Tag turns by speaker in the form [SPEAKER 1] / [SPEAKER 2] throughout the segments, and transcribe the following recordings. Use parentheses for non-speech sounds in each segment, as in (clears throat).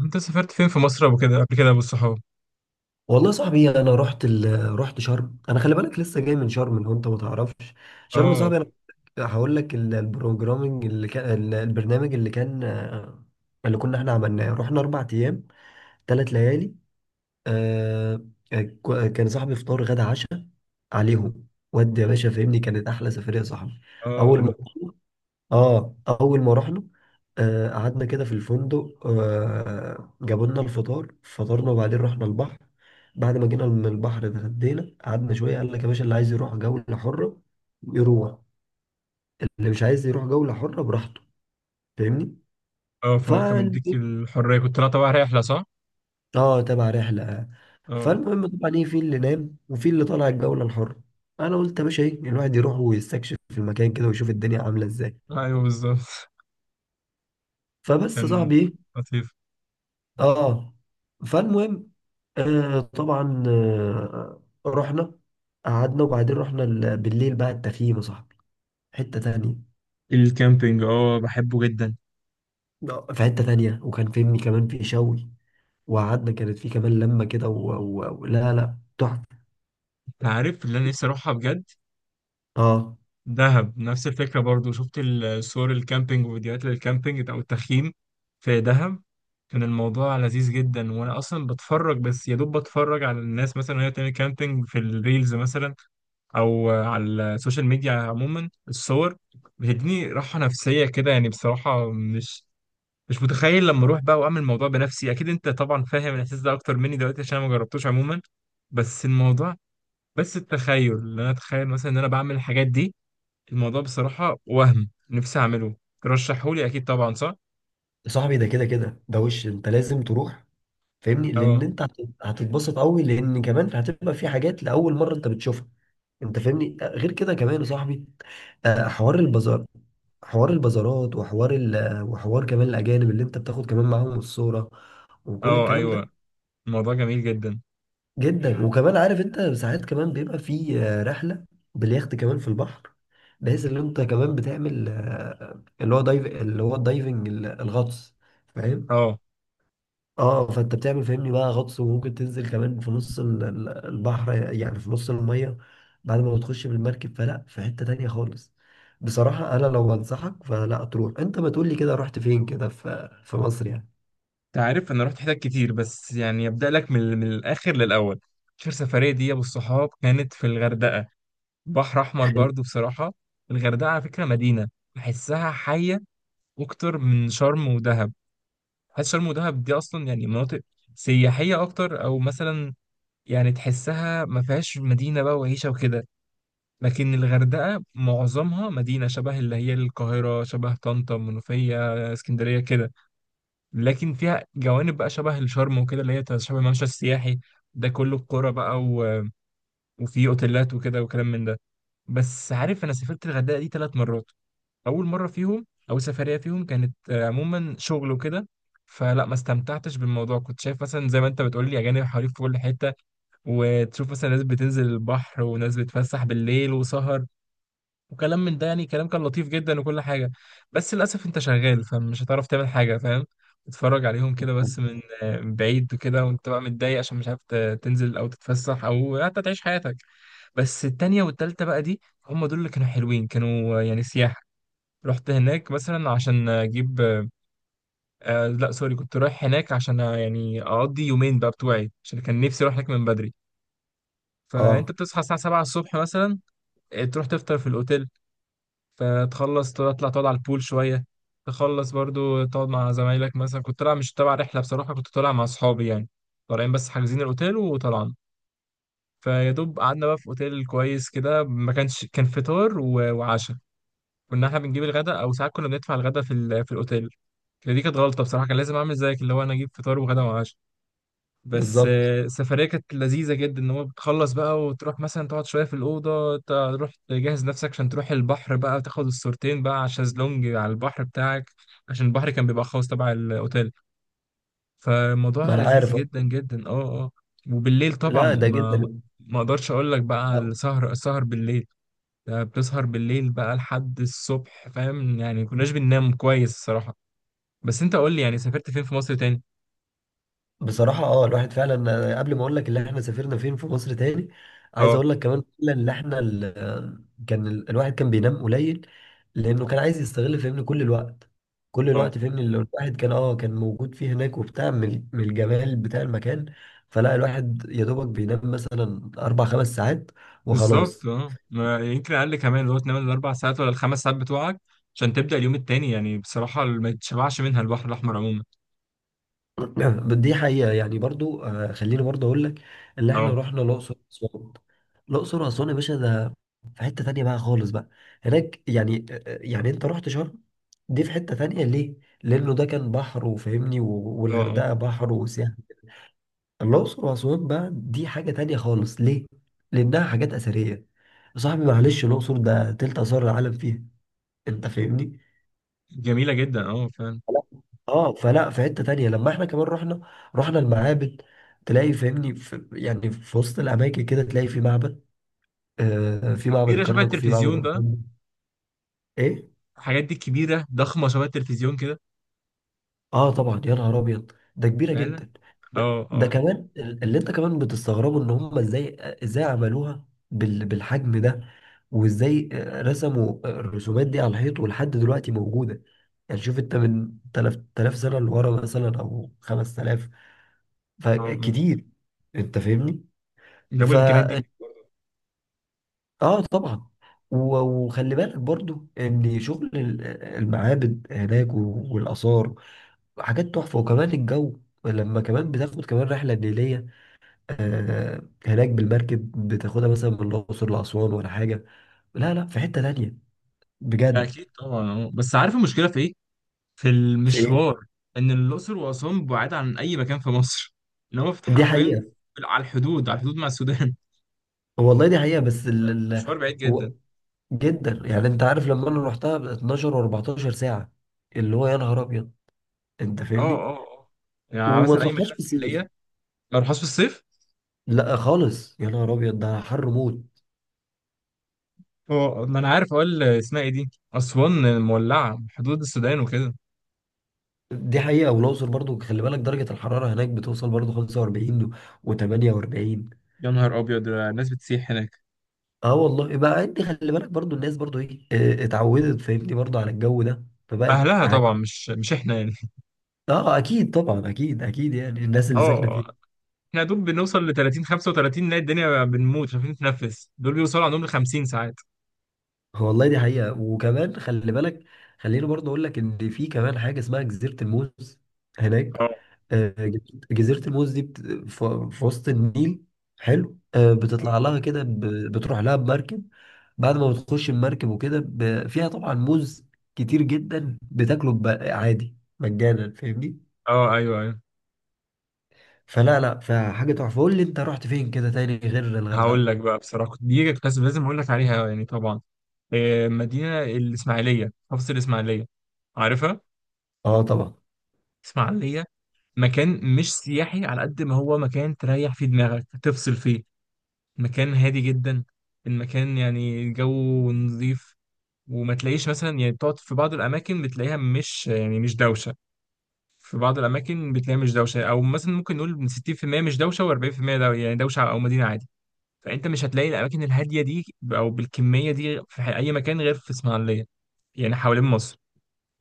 [SPEAKER 1] انت سافرت فين في مصر ابو كده قبل كده ابو الصحاب؟
[SPEAKER 2] والله يا صاحبي، انا رحت شرم. انا خلي بالك لسه جاي من شرم لو انت ما تعرفش شرم يا
[SPEAKER 1] اه،
[SPEAKER 2] صاحبي. انا هقول لك ال- البروجرامنج اللي كان البرنامج اللي كان، اللي كنا احنا عملناه، رحنا 4 ايام 3 ليالي. آه... كان صاحبي فطار غدا عشاء عليهم. ودي يا باشا فهمني كانت احلى سفريه يا صاحبي.
[SPEAKER 1] اه،
[SPEAKER 2] اول ما اه اول ما رحنا، قعدنا كده في الفندق، جابوا لنا الفطار، فطرنا وبعدين رحنا البحر. بعد ما جينا من البحر اتغدينا، قعدنا شويه، قال لك يا باشا اللي عايز يروح جوله حره يروح، اللي مش عايز يروح جوله حره براحته، فاهمني؟
[SPEAKER 1] اه،
[SPEAKER 2] ف
[SPEAKER 1] فهو كان مديك الحريه، كنت طالع طبعا رحله، صح؟
[SPEAKER 2] اه تبع رحله.
[SPEAKER 1] اه،
[SPEAKER 2] فالمهم طبعا ايه، في اللي نام وفي اللي طالع الجوله الحره. انا قلت يا باشا ايه، الواحد يروح ويستكشف في المكان كده ويشوف الدنيا عامله ازاي.
[SPEAKER 1] ايوه، بالظبط. (laughs)
[SPEAKER 2] فبس يا
[SPEAKER 1] كان
[SPEAKER 2] صاحبي ايه.
[SPEAKER 1] لطيف.
[SPEAKER 2] اه فالمهم طبعا، رحنا قعدنا وبعدين رحنا بالليل بقى التخييم يا صاحبي، حتة تانية.
[SPEAKER 1] الكامبينج، اه، بحبه جدا.
[SPEAKER 2] في حتة تانية، وكان فهمني كمان في شوي. وقعدنا كانت في كمان لمة كده و لا لا، تحفة.
[SPEAKER 1] انت عارف اللي انا نفسي اروحها بجد؟
[SPEAKER 2] اه
[SPEAKER 1] دهب، نفس الفكره برضو. شفت صور الكامبينج وفيديوهات للكامبينج او التخييم في دهب، كان الموضوع لذيذ جدا. وانا اصلا بتفرج، بس يا دوب بتفرج على الناس مثلا وهي بتعمل كامبينج في الريلز مثلا، او على السوشيال ميديا عموما. الصور بتديني راحه نفسيه كده، يعني بصراحه مش متخيل لما اروح بقى واعمل الموضوع بنفسي. اكيد انت طبعا فاهم الاحساس ده اكتر مني دلوقتي عشان انا ما جربتوش عموما. بس الموضوع بس التخيل، ان انا اتخيل مثلا ان انا بعمل الحاجات دي، الموضوع بصراحه وهم نفسي اعمله. ترشحهولي اكيد طبعا، صح؟
[SPEAKER 2] يا صاحبي، ده كده كده، ده وش انت لازم تروح، فاهمني؟
[SPEAKER 1] اه،
[SPEAKER 2] لان انت هتتبسط قوي، لان كمان هتبقى في حاجات لاول مرة انت بتشوفها. انت فاهمني؟ غير كده كمان يا صاحبي، حوار البازار، حوار البازارات، وحوار كمان الاجانب اللي انت بتاخد كمان معاهم الصورة وكل
[SPEAKER 1] اه،
[SPEAKER 2] الكلام ده.
[SPEAKER 1] ايوه، الموضوع جميل جدا،
[SPEAKER 2] جدا. وكمان عارف انت ساعات كمان بيبقى في رحلة باليخت كمان في البحر، بحيث ان انت كمان بتعمل اللي هو الدايفنج، الغطس، فاهم؟
[SPEAKER 1] اه.
[SPEAKER 2] اه فانت بتعمل فاهمني بقى غطس، وممكن تنزل كمان في نص البحر، يعني في نص المية بعد ما بتخش بالمركب. فلا، في حتة تانية خالص. بصراحة انا لو بنصحك، فلا تروح. انت ما تقولي كده رحت فين كده في مصر يعني.
[SPEAKER 1] انت عارف انا رحت حتت كتير بس يعني ابدا لك من الاخر للاول. اخر سفريه دي والصحاب كانت في الغردقه، بحر احمر
[SPEAKER 2] حلو.
[SPEAKER 1] برضو بصراحه. الغردقه على فكره مدينه، بحسها حيه اكتر من شرم ودهب. حاسس شرم ودهب دي اصلا يعني مناطق سياحيه اكتر، او مثلا يعني تحسها ما فيهاش مدينه بقى وعيشه وكده. لكن الغردقه معظمها مدينه شبه اللي هي القاهره، شبه طنطا، منوفيه، اسكندريه كده. لكن فيها جوانب بقى شبه الشرم وكده، اللي هي شبه الممشى السياحي ده كله، القرى بقى وفي اوتيلات وكده وكلام من ده. بس عارف، انا سافرت الغردقه دي ثلاث مرات. اول مره فيهم او سفريه فيهم كانت عموما شغل وكده، فلا ما استمتعتش بالموضوع. كنت شايف مثلا زي ما انت بتقول لي اجانب حواليك في كل حته، وتشوف مثلا ناس بتنزل البحر وناس بتفسح بالليل وسهر وكلام من ده، يعني كلام كان لطيف جدا وكل حاجة. بس للأسف أنت شغال فمش هتعرف تعمل حاجة، فاهم؟ تتفرج عليهم كده بس من بعيد وكده، وأنت بقى متضايق عشان مش عارف تنزل أو تتفسح أو حتى تعيش حياتك. بس التانية والتالتة بقى دي، هم دول اللي كانوا حلوين، كانوا يعني سياحة. رحت هناك مثلا عشان أجيب، لا، سوري، كنت رايح هناك عشان يعني أقضي يومين بقى بتوعي عشان كان نفسي أروح هناك من بدري. فأنت
[SPEAKER 2] اه،
[SPEAKER 1] بتصحى الساعة 7 الصبح مثلا، تروح تفطر في الأوتيل، فتخلص تطلع تقعد على البول شوية، تخلص برضو تقعد مع زمايلك. مثلا كنت طالع مش تبع رحلة، بصراحة كنت طالع مع أصحابي يعني، طالعين بس حاجزين الأوتيل وطلعنا. فيا دوب قعدنا بقى في أوتيل كويس كده، ما كانش كان فطار وعشاء. كنا احنا بنجيب الغداء، أو ساعات كنا بندفع الغداء في الأوتيل. دي كانت غلطة بصراحة، كان لازم أعمل زيك اللي هو أنا أجيب فطار وغدا وعشاء. بس
[SPEAKER 2] بالظبط.
[SPEAKER 1] السفرية كانت لذيذة جدا، ان هو بتخلص بقى وتروح مثلا تقعد شوية في الأوضة، تروح تجهز نفسك عشان تروح البحر بقى وتاخد الصورتين بقى على الشازلونج على البحر بتاعك، عشان البحر كان بيبقى خاص تبع الأوتيل.
[SPEAKER 2] ما
[SPEAKER 1] فالموضوع
[SPEAKER 2] انا
[SPEAKER 1] لذيذ
[SPEAKER 2] عارف.
[SPEAKER 1] جدا جدا. اه، اه، وبالليل طبعا
[SPEAKER 2] لا، ده
[SPEAKER 1] ما
[SPEAKER 2] جدا.
[SPEAKER 1] ما اقدرش اقول لك بقى على السهر. السهر بالليل ده بتسهر بالليل بقى لحد الصبح، فاهم يعني، كناش بننام كويس الصراحة. بس انت قول لي يعني، سافرت فين في مصر تاني؟
[SPEAKER 2] بصراحة، الواحد فعلا، قبل ما اقول لك اللي احنا سافرنا فين في مصر تاني، عايز
[SPEAKER 1] اه،
[SPEAKER 2] اقول لك كمان فعلا اللي احنا كان الواحد كان بينام قليل، لانه كان عايز يستغل فهمني كل الوقت، كل
[SPEAKER 1] آه.
[SPEAKER 2] الوقت، فهمني اللي الواحد كان موجود فيه هناك، وبتاع من الجمال بتاع المكان. فلا الواحد يا دوبك بينام مثلا اربع خمس ساعات
[SPEAKER 1] بالظبط.
[SPEAKER 2] وخلاص.
[SPEAKER 1] اه، يمكن اقل كمان، اللي هو تنام الاربع ساعات ولا الخمس ساعات بتوعك عشان تبدا اليوم التاني، يعني بصراحه ما تشبعش منها. البحر الاحمر عموما.
[SPEAKER 2] (clears throat) دي حقيقة، يعني برضو، خليني برضو أقول لك اللي إحنا
[SPEAKER 1] اه،
[SPEAKER 2] رحنا الأقصر وأسوان. الأقصر وأسوان يا باشا ده في حتة تانية بقى خالص بقى هناك، يعني يعني أنت رحت شرم، دي في حتة تانية ليه؟ لأنه ده كان بحر وفاهمني،
[SPEAKER 1] اه، اه،
[SPEAKER 2] والغردقة بحر وسياحة. الأقصر وأسوان بقى دي حاجة تانية خالص، ليه؟ لأنها حاجات أثرية. يا صاحبي معلش، الأقصر ده تلت آثار العالم فيها. أنت فاهمني؟
[SPEAKER 1] جميله جدا، اه، فعلا.
[SPEAKER 2] فلا- اه فلا في حتة تانية لما احنا كمان رحنا المعابد، تلاقي فاهمني في، يعني في وسط الاماكن كده، تلاقي في معبد. في معبد
[SPEAKER 1] كبيره شبه
[SPEAKER 2] الكرنك، وفي معبد
[SPEAKER 1] التلفزيون
[SPEAKER 2] ابو
[SPEAKER 1] بقى.
[SPEAKER 2] سمبل. ايه.
[SPEAKER 1] الحاجات دي كبيره ضخمه شبه التلفزيون كده.
[SPEAKER 2] اه طبعا، يا نهار ابيض ده كبيرة
[SPEAKER 1] فعلا.
[SPEAKER 2] جدا. ده,
[SPEAKER 1] اه،
[SPEAKER 2] ده
[SPEAKER 1] اه،
[SPEAKER 2] كمان اللي انت كمان بتستغربه، ان هم ازاي عملوها بالحجم ده، وازاي رسموا الرسومات دي على الحيط، ولحد دلوقتي موجودة. يعني شوف انت من 3000 سنة لورا مثلا او 5000،
[SPEAKER 1] اه، اه،
[SPEAKER 2] فكتير، انت فاهمني.
[SPEAKER 1] جابوا
[SPEAKER 2] ف
[SPEAKER 1] الامكانيات دي.
[SPEAKER 2] اه طبعا، وخلي بالك برضو ان شغل المعابد هناك والاثار حاجات تحفه، وكمان الجو لما كمان بتاخد كمان رحله نيليه هناك بالمركب، بتاخدها مثلا من الاقصر لاسوان ولا حاجه. لا لا، في حته تانيه بجد.
[SPEAKER 1] اكيد طبعا. اه، بس عارف المشكله في ايه؟ في
[SPEAKER 2] في ايه؟
[SPEAKER 1] المشوار. ان الاقصر واسوان بعاد عن اي مكان في مصر. ان هو
[SPEAKER 2] دي
[SPEAKER 1] حرفيا
[SPEAKER 2] حقيقه.
[SPEAKER 1] على الحدود مع السودان.
[SPEAKER 2] والله دي حقيقه، بس
[SPEAKER 1] (laughs) مشوار بعيد جدا.
[SPEAKER 2] و- جدا، يعني انت عارف لما انا رحتها 12 و14 ساعه، اللي هو يا نهار ابيض. انت
[SPEAKER 1] اه،
[SPEAKER 2] فاهمني؟
[SPEAKER 1] اه، اه، يعني
[SPEAKER 2] وما
[SPEAKER 1] مثلا اي
[SPEAKER 2] تروحهاش
[SPEAKER 1] مدينه
[SPEAKER 2] في الصيف.
[SPEAKER 1] ساحليه، لو رحت في الصيف.
[SPEAKER 2] لا خالص، يا نهار ابيض، ده حر موت.
[SPEAKER 1] اه، ما انا عارف، اقول اسمها ايه دي، اسوان مولعه، حدود السودان وكده.
[SPEAKER 2] دي حقيقة، والأقصر برضو خلي بالك درجة الحرارة هناك بتوصل برضو 45 و48.
[SPEAKER 1] يا نهار ابيض، ده الناس بتسيح هناك.
[SPEAKER 2] اه والله بقى، انت خلي بالك برضو، الناس برضو ايه، اتعودت فاهمني برضو على الجو ده، فبقت
[SPEAKER 1] اهلها طبعا، مش احنا يعني.
[SPEAKER 2] اه، اكيد طبعا، اكيد اكيد، يعني الناس اللي
[SPEAKER 1] اه،
[SPEAKER 2] ساكنة
[SPEAKER 1] اه.
[SPEAKER 2] فيه.
[SPEAKER 1] احنا يا دوب بنوصل ل 30 35 نلاقي الدنيا بنموت مش عارفين نتنفس، دول بيوصلوا عندهم ل 50 ساعات.
[SPEAKER 2] والله دي حقيقة، وكمان خلي بالك، خليني برضه أقول لك إن في كمان حاجة اسمها جزيرة الموز هناك.
[SPEAKER 1] اه،
[SPEAKER 2] آه، جزيرة الموز دي في وسط النيل، حلو. بتطلع لها كده، بتروح لها بمركب بعد ما بتخش المركب وكده، فيها طبعا موز كتير جدا بتاكله عادي مجانا، فاهمني.
[SPEAKER 1] اه، ايوه، ايوه.
[SPEAKER 2] فلا لا، فحاجة تحفة. قول لي أنت رحت فين كده تاني غير
[SPEAKER 1] هقول
[SPEAKER 2] الغردقة.
[SPEAKER 1] لك بقى بصراحه، دي كنت لازم اقول لك عليها يعني طبعا. مدينه الاسماعيليه، محافظه الاسماعيليه، عارفها؟
[SPEAKER 2] اه طبعا،
[SPEAKER 1] اسماعيليه، مكان مش سياحي على قد ما هو مكان تريح فيه دماغك، تفصل فيه. مكان هادي جدا. المكان يعني الجو نظيف. وما تلاقيش مثلا يعني بتقعد في بعض الأماكن، بتلاقيها مش دوشة. في بعض الأماكن بتلاقيها مش دوشة، أو مثلا ممكن نقول من 60% مش دوشة و40% دو، يعني دوشة أو مدينة عادي. فأنت مش هتلاقي الأماكن الهادية دي أو بالكمية دي في أي مكان غير في إسماعيلية يعني، حوالين مصر.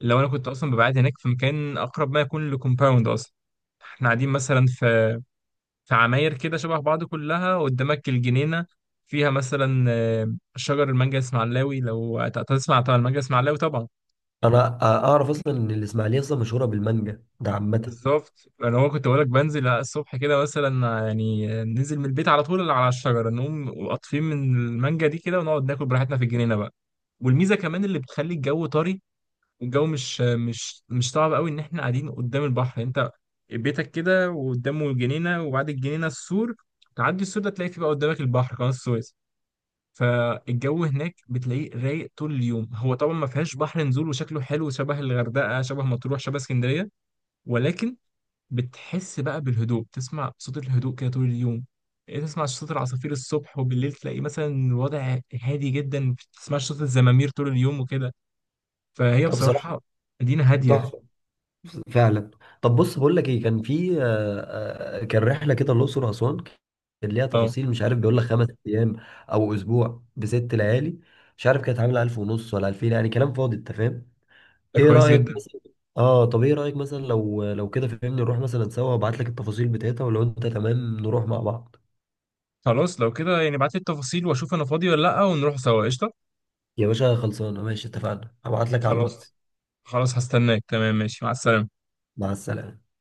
[SPEAKER 1] لو أنا كنت أصلا ببعد هناك، في مكان أقرب ما يكون لكومباوند أصلا. احنا قاعدين مثلا في عماير كده شبه بعض كلها، قدامك الجنينة، فيها مثلا شجر المانجا اسماعيلاوي. لو تسمع طبعا المانجا اسماعيلاوي طبعا.
[SPEAKER 2] انا اعرف اصلا ان الاسماعيليه اصلا مشهوره بالمانجا، ده عامه.
[SPEAKER 1] بالظبط. انا هو كنت بقولك بنزل الصبح كده مثلا، ننزل من البيت على طول على الشجرة، نقوم قاطفين من المانجا دي كده ونقعد ناكل براحتنا في الجنينة بقى. والميزة كمان اللي بتخلي الجو طري، والجو مش صعب قوي، ان احنا قاعدين قدام البحر. انت بيتك كده وقدامه الجنينة وبعد الجنينة السور، تعدي السور ده تلاقي فيه بقى قدامك البحر، قناة السويس. فالجو هناك بتلاقيه رايق طول اليوم. هو طبعا ما فيهاش بحر نزول، وشكله حلو شبه الغردقه شبه مطروح شبه اسكندريه، ولكن بتحس بقى بالهدوء، تسمع صوت الهدوء كده طول اليوم. تسمع صوت العصافير الصبح، وبالليل تلاقي مثلا الوضع هادي جدا، ما بتسمعش صوت الزمامير طول اليوم وكده. فهي
[SPEAKER 2] ده بصراحه
[SPEAKER 1] بصراحه مدينه هاديه.
[SPEAKER 2] تحفة فعلا. طب بص، بقول لك ايه، كان في كان رحلة كده الأقصر وأسوان، كان ليها
[SPEAKER 1] اه،
[SPEAKER 2] تفاصيل. مش عارف بيقول لك 5 أيام أو أسبوع بست ليالي. مش عارف كانت عاملة ألف ونص ولا ألفين، يعني كلام فاضي. أنت فاهم؟
[SPEAKER 1] ده
[SPEAKER 2] إيه
[SPEAKER 1] كويس
[SPEAKER 2] رأيك
[SPEAKER 1] جدا.
[SPEAKER 2] مثلا؟ طب إيه رأيك مثلا لو كده فهمني، نروح مثلا سوا وأبعت لك التفاصيل بتاعتها، ولو أنت تمام نروح مع بعض
[SPEAKER 1] خلاص، لو كده يعني ابعت لي التفاصيل واشوف انا فاضي ولا لا، ونروح سوا قشطه.
[SPEAKER 2] يا باشا. خلصانة ماشي، اتفقنا، هبعت لك على
[SPEAKER 1] خلاص،
[SPEAKER 2] الواتس.
[SPEAKER 1] خلاص، هستناك تمام، ماشي، مع السلامه.
[SPEAKER 2] مع السلامة.